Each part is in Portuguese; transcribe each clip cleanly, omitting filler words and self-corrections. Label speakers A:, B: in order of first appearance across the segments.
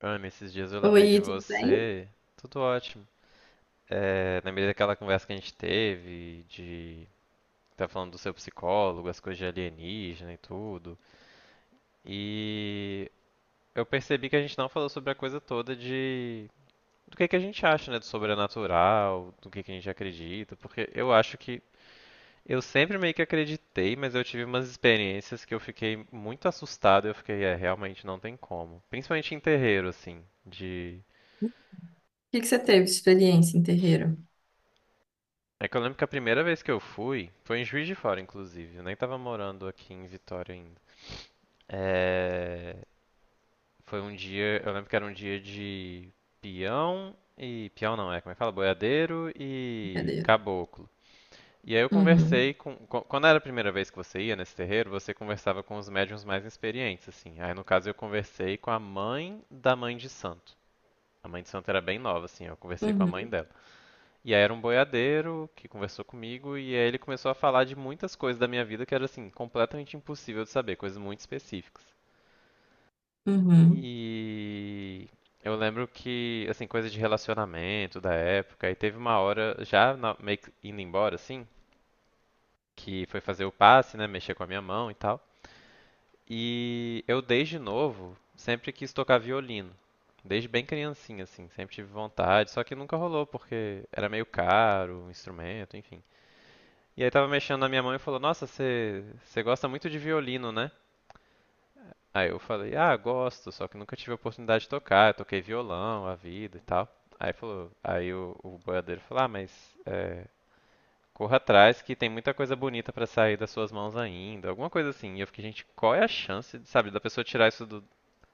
A: Ana, esses dias eu lembrei de
B: Oi, tudo bem? O
A: você. Tudo ótimo. É, lembrei daquela conversa que a gente teve, de tá falando do seu psicólogo, as coisas de alienígena e tudo. E eu percebi que a gente não falou sobre a coisa toda de do que a gente acha, né, do sobrenatural, do que a gente acredita, porque eu acho que eu sempre meio que acreditei, mas eu tive umas experiências que eu fiquei muito assustado, e eu fiquei, é, realmente não tem como. Principalmente em terreiro, assim, de...
B: que que você teve de experiência em terreiro?
A: Que eu lembro que a primeira vez que eu fui, foi em Juiz de Fora, inclusive. Eu nem tava morando aqui em Vitória ainda. É... Foi um dia, eu lembro que era um dia de peão e... Peão não, é como é que fala? Boiadeiro e
B: Brincadeira.
A: caboclo. E aí eu
B: Uhum,
A: conversei com... Quando era a primeira vez que você ia nesse terreiro, você conversava com os médiuns mais experientes, assim. Aí no caso eu conversei com a mãe da mãe de santo. A mãe de santo era bem nova, assim, eu conversei com a mãe
B: uhum,
A: dela. E aí era um boiadeiro que conversou comigo e aí ele começou a falar de muitas coisas da minha vida que era assim, completamente impossível de saber, coisas muito específicas.
B: uhum.
A: E eu lembro que, assim, coisa de relacionamento da época, e teve uma hora, já na- meio que indo embora, assim, que foi fazer o passe, né, mexer com a minha mão e tal. E eu desde novo sempre quis tocar violino. Desde bem criancinha, assim, sempre tive vontade, só que nunca rolou porque era meio caro o instrumento, enfim. E aí tava mexendo na minha mão e falou: Nossa, você gosta muito de violino, né? Aí eu falei: Ah, gosto, só que nunca tive a oportunidade de tocar. Eu toquei violão, a vida e tal. Aí falou, o boiadeiro falou: Ah, mas é, corra atrás que tem muita coisa bonita pra sair das suas mãos ainda, alguma coisa assim. E eu fiquei: Gente, qual é a chance, sabe, da pessoa tirar isso do,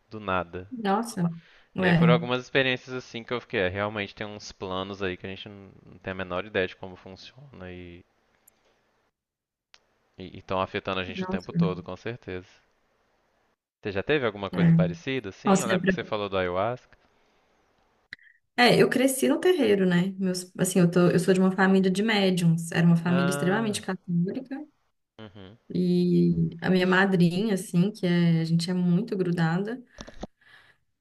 A: do nada?
B: Nossa,
A: E aí foram
B: é,
A: algumas experiências assim que eu fiquei, é, realmente tem uns planos aí que a gente não tem a menor ideia de como funciona e estão afetando a gente o
B: nossa,
A: tempo todo, com certeza. Você já teve alguma
B: é.
A: coisa parecida, assim? Eu
B: Nossa, é,
A: lembro que você falou do ayahuasca.
B: é, eu cresci no terreiro, né? Meus, assim, eu tô, eu sou de uma família de médiums, era uma família
A: Ah.
B: extremamente católica,
A: Uhum,
B: e a minha madrinha, assim, que é, a gente é muito grudada,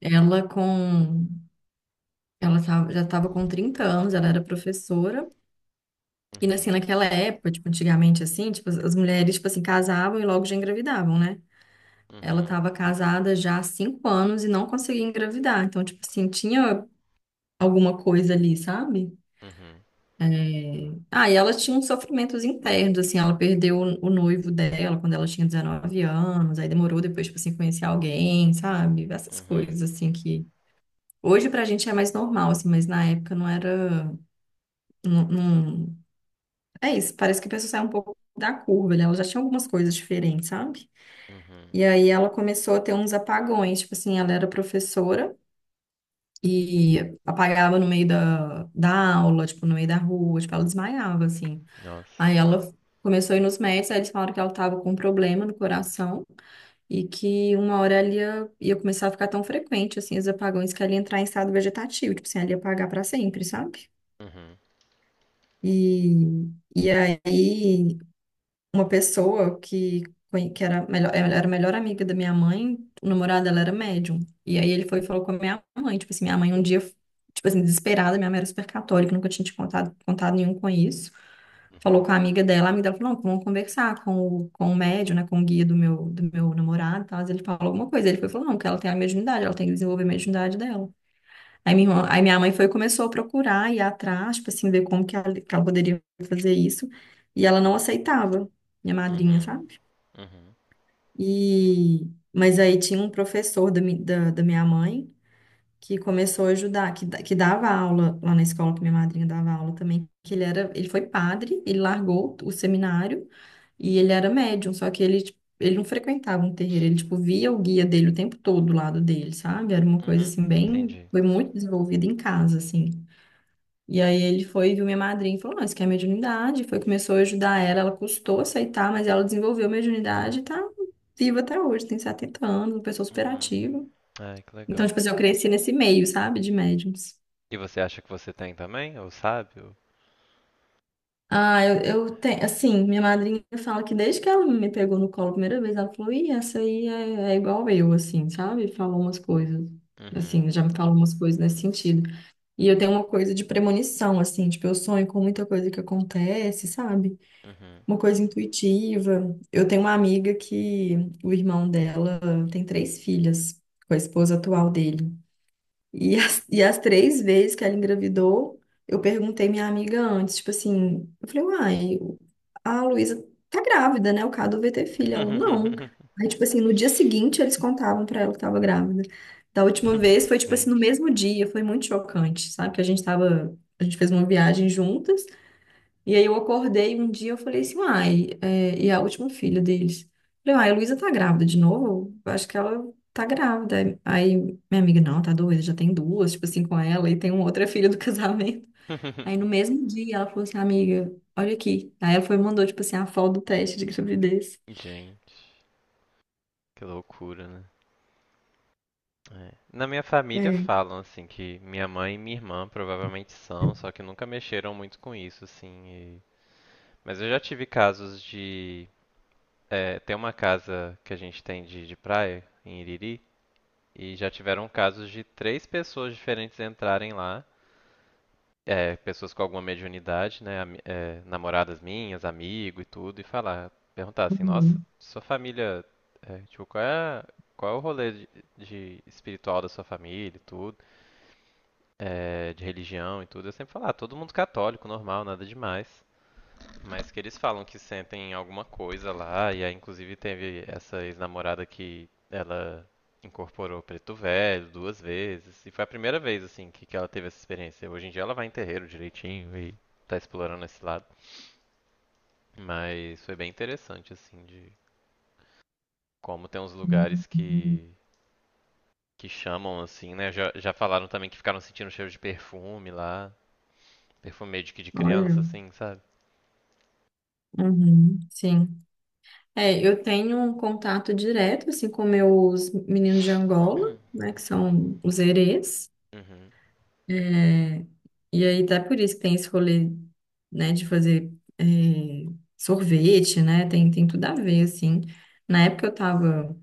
B: ela com, ela tava- já estava com 30 anos, ela era professora. E assim,
A: uhum,
B: naquela época, tipo, antigamente assim, tipo, as mulheres, tipo assim, casavam e logo já engravidavam, né? Ela
A: uhum,
B: estava casada já há 5 anos e não conseguia engravidar. Então, tipo assim, tinha alguma coisa ali, sabe?
A: uhum,
B: É. Ah, e ela tinha uns sofrimentos internos, assim, ela perdeu o noivo dela quando ela tinha 19 anos, aí demorou depois, tipo assim, conhecer alguém, sabe? Essas
A: uhum,
B: coisas, assim, que hoje pra gente é mais normal, assim, mas na época não era, não, é isso, parece que a pessoa sai um pouco da curva, né? Ela já tinha algumas coisas diferentes, sabe?
A: uhum.
B: E aí ela começou a ter uns apagões, tipo assim, ela era professora e apagava no meio da aula, tipo, no meio da rua, tipo, ela desmaiava, assim.
A: Nossa.
B: Aí ela começou a ir nos médicos, aí eles falaram que ela tava com um problema no coração e que uma hora ela ia, ia começar a ficar tão frequente, assim, os apagões, que ela ia entrar em estado vegetativo, tipo assim, ela ia apagar pra sempre, sabe?
A: Uhum,
B: E, e aí uma pessoa que, que era, melhor, ela era a melhor amiga da minha mãe, o namorado dela era médium. E aí ele foi e falou com a minha mãe, tipo assim, minha mãe um dia, tipo assim, desesperada, minha mãe era super católica, nunca tinha te contado nenhum com isso. Falou
A: uhum,
B: com a amiga dela falou, não, vamos conversar com com o médium, né, com o guia do meu namorado, e tal. Mas ele falou alguma coisa, ele foi e falou, não, que ela tem a mediunidade, ela tem que desenvolver a mediunidade dela. Aí minha mãe foi e começou a procurar, ir atrás, tipo assim, ver como que ela poderia fazer isso. E ela não aceitava, minha madrinha,
A: uhum,
B: sabe?
A: uhum,
B: E, mas aí tinha um professor da minha mãe que começou a ajudar, que, que dava aula lá na escola, que minha madrinha dava aula também, que ele era, ele foi padre, ele largou o seminário e ele era médium, só que ele, tipo, ele não frequentava um terreiro, ele, tipo, via o guia dele o tempo todo do lado dele, sabe? Era uma coisa,
A: uhum.
B: assim, bem.
A: Entendi.
B: Foi muito desenvolvida em casa, assim. E aí ele foi, viu minha madrinha e falou, não, isso aqui é mediunidade. Foi, começou a ajudar ela, ela custou aceitar, mas ela desenvolveu mediunidade e tá viva até hoje, tem 70 anos, uma pessoa
A: Uhum.
B: superativa.
A: Ai, que
B: Então,
A: legal.
B: tipo assim, eu cresci nesse meio, sabe, de médiums.
A: E você acha que você tem também? Ou sabe? Ou...
B: Ah, eu tenho, assim, minha madrinha fala que desde que ela me pegou no colo a primeira vez, ela falou, ih, essa aí é, é igual eu, assim, sabe? Falou umas coisas,
A: Uhum,
B: assim, já me falou umas coisas nesse sentido. E eu tenho uma coisa de premonição, assim, tipo, eu sonho com muita coisa que acontece, sabe?
A: uhum.
B: Uma coisa intuitiva. Eu tenho uma amiga que o irmão dela tem três filhas com a esposa atual dele. E e as três vezes que ela engravidou, eu perguntei minha amiga antes, tipo assim, eu falei, uai, a Luísa tá grávida, né? O Cadu vai ter filha. Ela, não. Aí, tipo assim, no dia seguinte eles contavam pra ela que tava grávida. Da última vez foi, tipo assim, no
A: Gente.
B: mesmo dia, foi muito chocante, sabe? Que a gente tava, a gente fez uma viagem juntas. E aí eu acordei um dia, eu falei assim, uai, é, e a última filha deles. Falei, uai, a Luísa tá grávida de novo? Eu acho que ela tá grávida. Aí minha amiga, não, tá doida, já tem duas, tipo assim, com ela, e tem uma outra filha do casamento. Aí no mesmo dia ela falou assim, amiga, olha aqui. Aí ela foi e mandou, tipo assim, a foto do teste de gravidez.
A: Gente, que loucura, né? É. Na minha família
B: É.
A: falam assim que minha mãe e minha irmã provavelmente são, só que nunca mexeram muito com isso, assim. Mas eu já tive casos de é, tem uma casa que a gente tem de praia em Iriri e já tiveram casos de três pessoas diferentes entrarem lá, é, pessoas com alguma mediunidade, né, é, namoradas minhas, amigo e tudo, e falar, perguntar assim, nossa,
B: Uhum,
A: sua família, é, tipo, qual é, qual é o rolê de espiritual da sua família e tudo? É, de religião e tudo, eu sempre falo, ah, todo mundo católico, normal, nada demais. Mas que eles falam que sentem alguma coisa lá, e aí inclusive teve essa ex-namorada que ela incorporou preto velho duas vezes, e foi a primeira vez assim que ela teve essa experiência. Hoje em dia ela vai em terreiro direitinho e tá explorando esse lado, mas foi bem interessante assim de como tem uns lugares
B: uhum.
A: que chamam assim, né? Já, já falaram também que ficaram sentindo cheiro de perfume lá, perfume meio de que de
B: Olha,
A: criança assim, sabe?
B: uhum, sim. É, eu tenho um contato direto, assim, com meus meninos de Angola, né, que são os herês.
A: Uhum,
B: É, e aí, até por isso que tem esse rolê, né, de fazer é, sorvete, né? Tem, tem tudo a ver, assim. Na época eu estava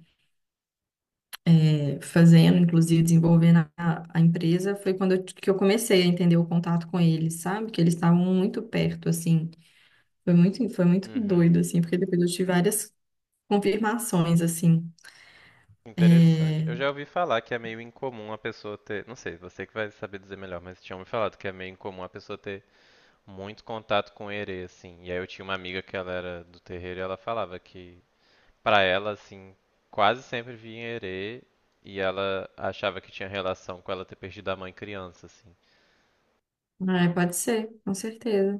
B: fazendo, inclusive desenvolvendo a empresa, foi quando eu, que eu comecei a entender o contato com eles, sabe? Que eles estavam muito perto, assim. Foi muito doido,
A: uhum.
B: assim, porque depois eu tive várias confirmações, assim.
A: Interessante. Eu já ouvi falar que é meio incomum a pessoa ter. Não sei, você que vai saber dizer melhor, mas tinham me falado que é meio incomum a pessoa ter muito contato com herê, assim. E aí eu tinha uma amiga que ela era do terreiro e ela falava que, pra ela, assim, quase sempre vinha herê e ela achava que tinha relação com ela ter perdido a mãe criança, assim.
B: Ah, pode ser, com certeza.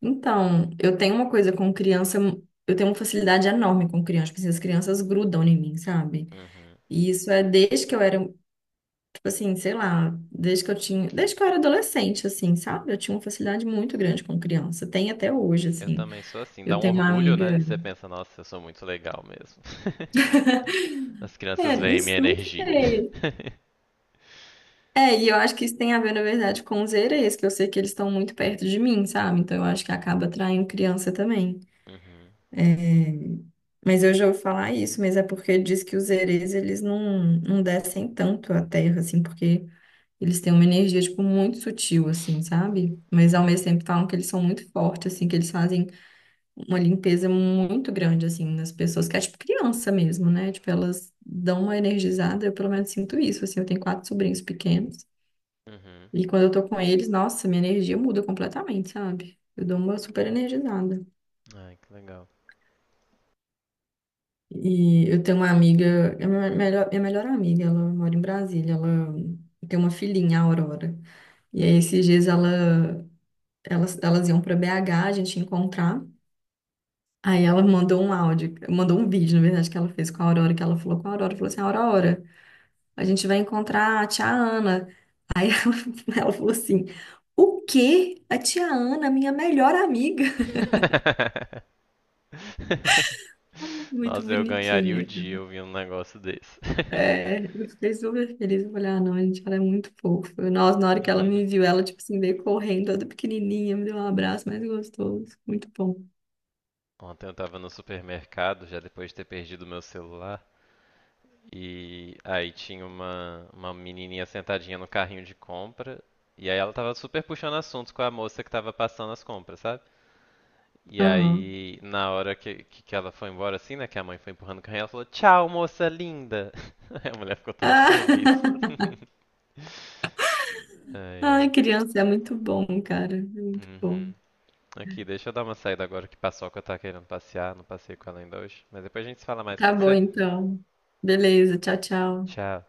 B: Então, eu tenho uma coisa com criança, eu tenho uma facilidade enorme com criança, porque as crianças grudam em mim, sabe?
A: Uhum.
B: E isso é desde que eu era, tipo assim, sei lá, desde que eu tinha, desde que eu era adolescente, assim, sabe? Eu tinha uma facilidade muito grande com criança, tem até hoje,
A: Eu
B: assim.
A: também sou assim. Dá
B: Eu
A: um
B: tenho uma
A: orgulho, né?
B: amiga,
A: Você pensa, nossa, eu sou muito legal mesmo. As
B: é,
A: crianças
B: não,
A: veem minha
B: não
A: energia.
B: sei. É, e eu acho que isso tem a ver, na verdade, com os erês, que eu sei que eles estão muito perto de mim, sabe? Então eu acho que acaba atraindo criança também.
A: Uhum.
B: Mas eu já ouvi falar isso, mas é porque diz que os erês, eles não, não descem tanto à terra, assim, porque eles têm uma energia, tipo, muito sutil, assim, sabe? Mas ao mesmo tempo falam que eles são muito fortes, assim, que eles fazem uma limpeza muito grande, assim, nas pessoas, que é tipo criança mesmo, né? Tipo, elas dão uma energizada, eu pelo menos sinto isso, assim, eu tenho quatro sobrinhos pequenos,
A: Uhum.
B: e quando eu tô com eles, nossa, minha energia muda completamente, sabe? Eu dou uma super energizada.
A: Ai, que legal.
B: E eu tenho uma amiga, é minha melhor amiga, ela mora em Brasília, ela tem uma filhinha, a Aurora. E aí esses dias ela, elas iam para BH, a gente ia encontrar. Aí ela mandou um áudio, mandou um vídeo, na verdade, que ela fez com a Aurora, que ela falou com a Aurora, falou assim, Aurora, a gente vai encontrar a tia Ana. Ela falou assim, o quê? A tia Ana, minha melhor amiga. Muito
A: Nossa, eu ganharia o
B: bonitinha.
A: dia ouvindo um negócio desse.
B: É, eu fiquei super feliz. Eu falei, ah, não, gente, ela é muito fofa. Nossa, na hora que ela me viu, ela, tipo assim, veio correndo, toda pequenininha, me deu um abraço mais gostoso. Muito bom.
A: Ontem eu tava no supermercado, já depois de ter perdido meu celular, e aí tinha uma menininha sentadinha no carrinho de compra, e aí ela tava super puxando assuntos com a moça que tava passando as compras, sabe? E
B: Aham.
A: aí, na hora que ela foi embora, assim, né? Que a mãe foi empurrando o carrinho, ela falou: Tchau, moça linda! Aí a mulher ficou toda
B: Ah,
A: feliz. Ai,
B: Ai,
A: ai.
B: criança, é muito bom, cara. É muito
A: Uhum.
B: bom.
A: Aqui, deixa eu dar uma saída agora que Paçoca tá querendo passear. Não passei com ela ainda hoje. Mas depois a gente se fala mais,
B: Tá
A: pode
B: bom,
A: ser?
B: então. Beleza, tchau, tchau.
A: Tchau.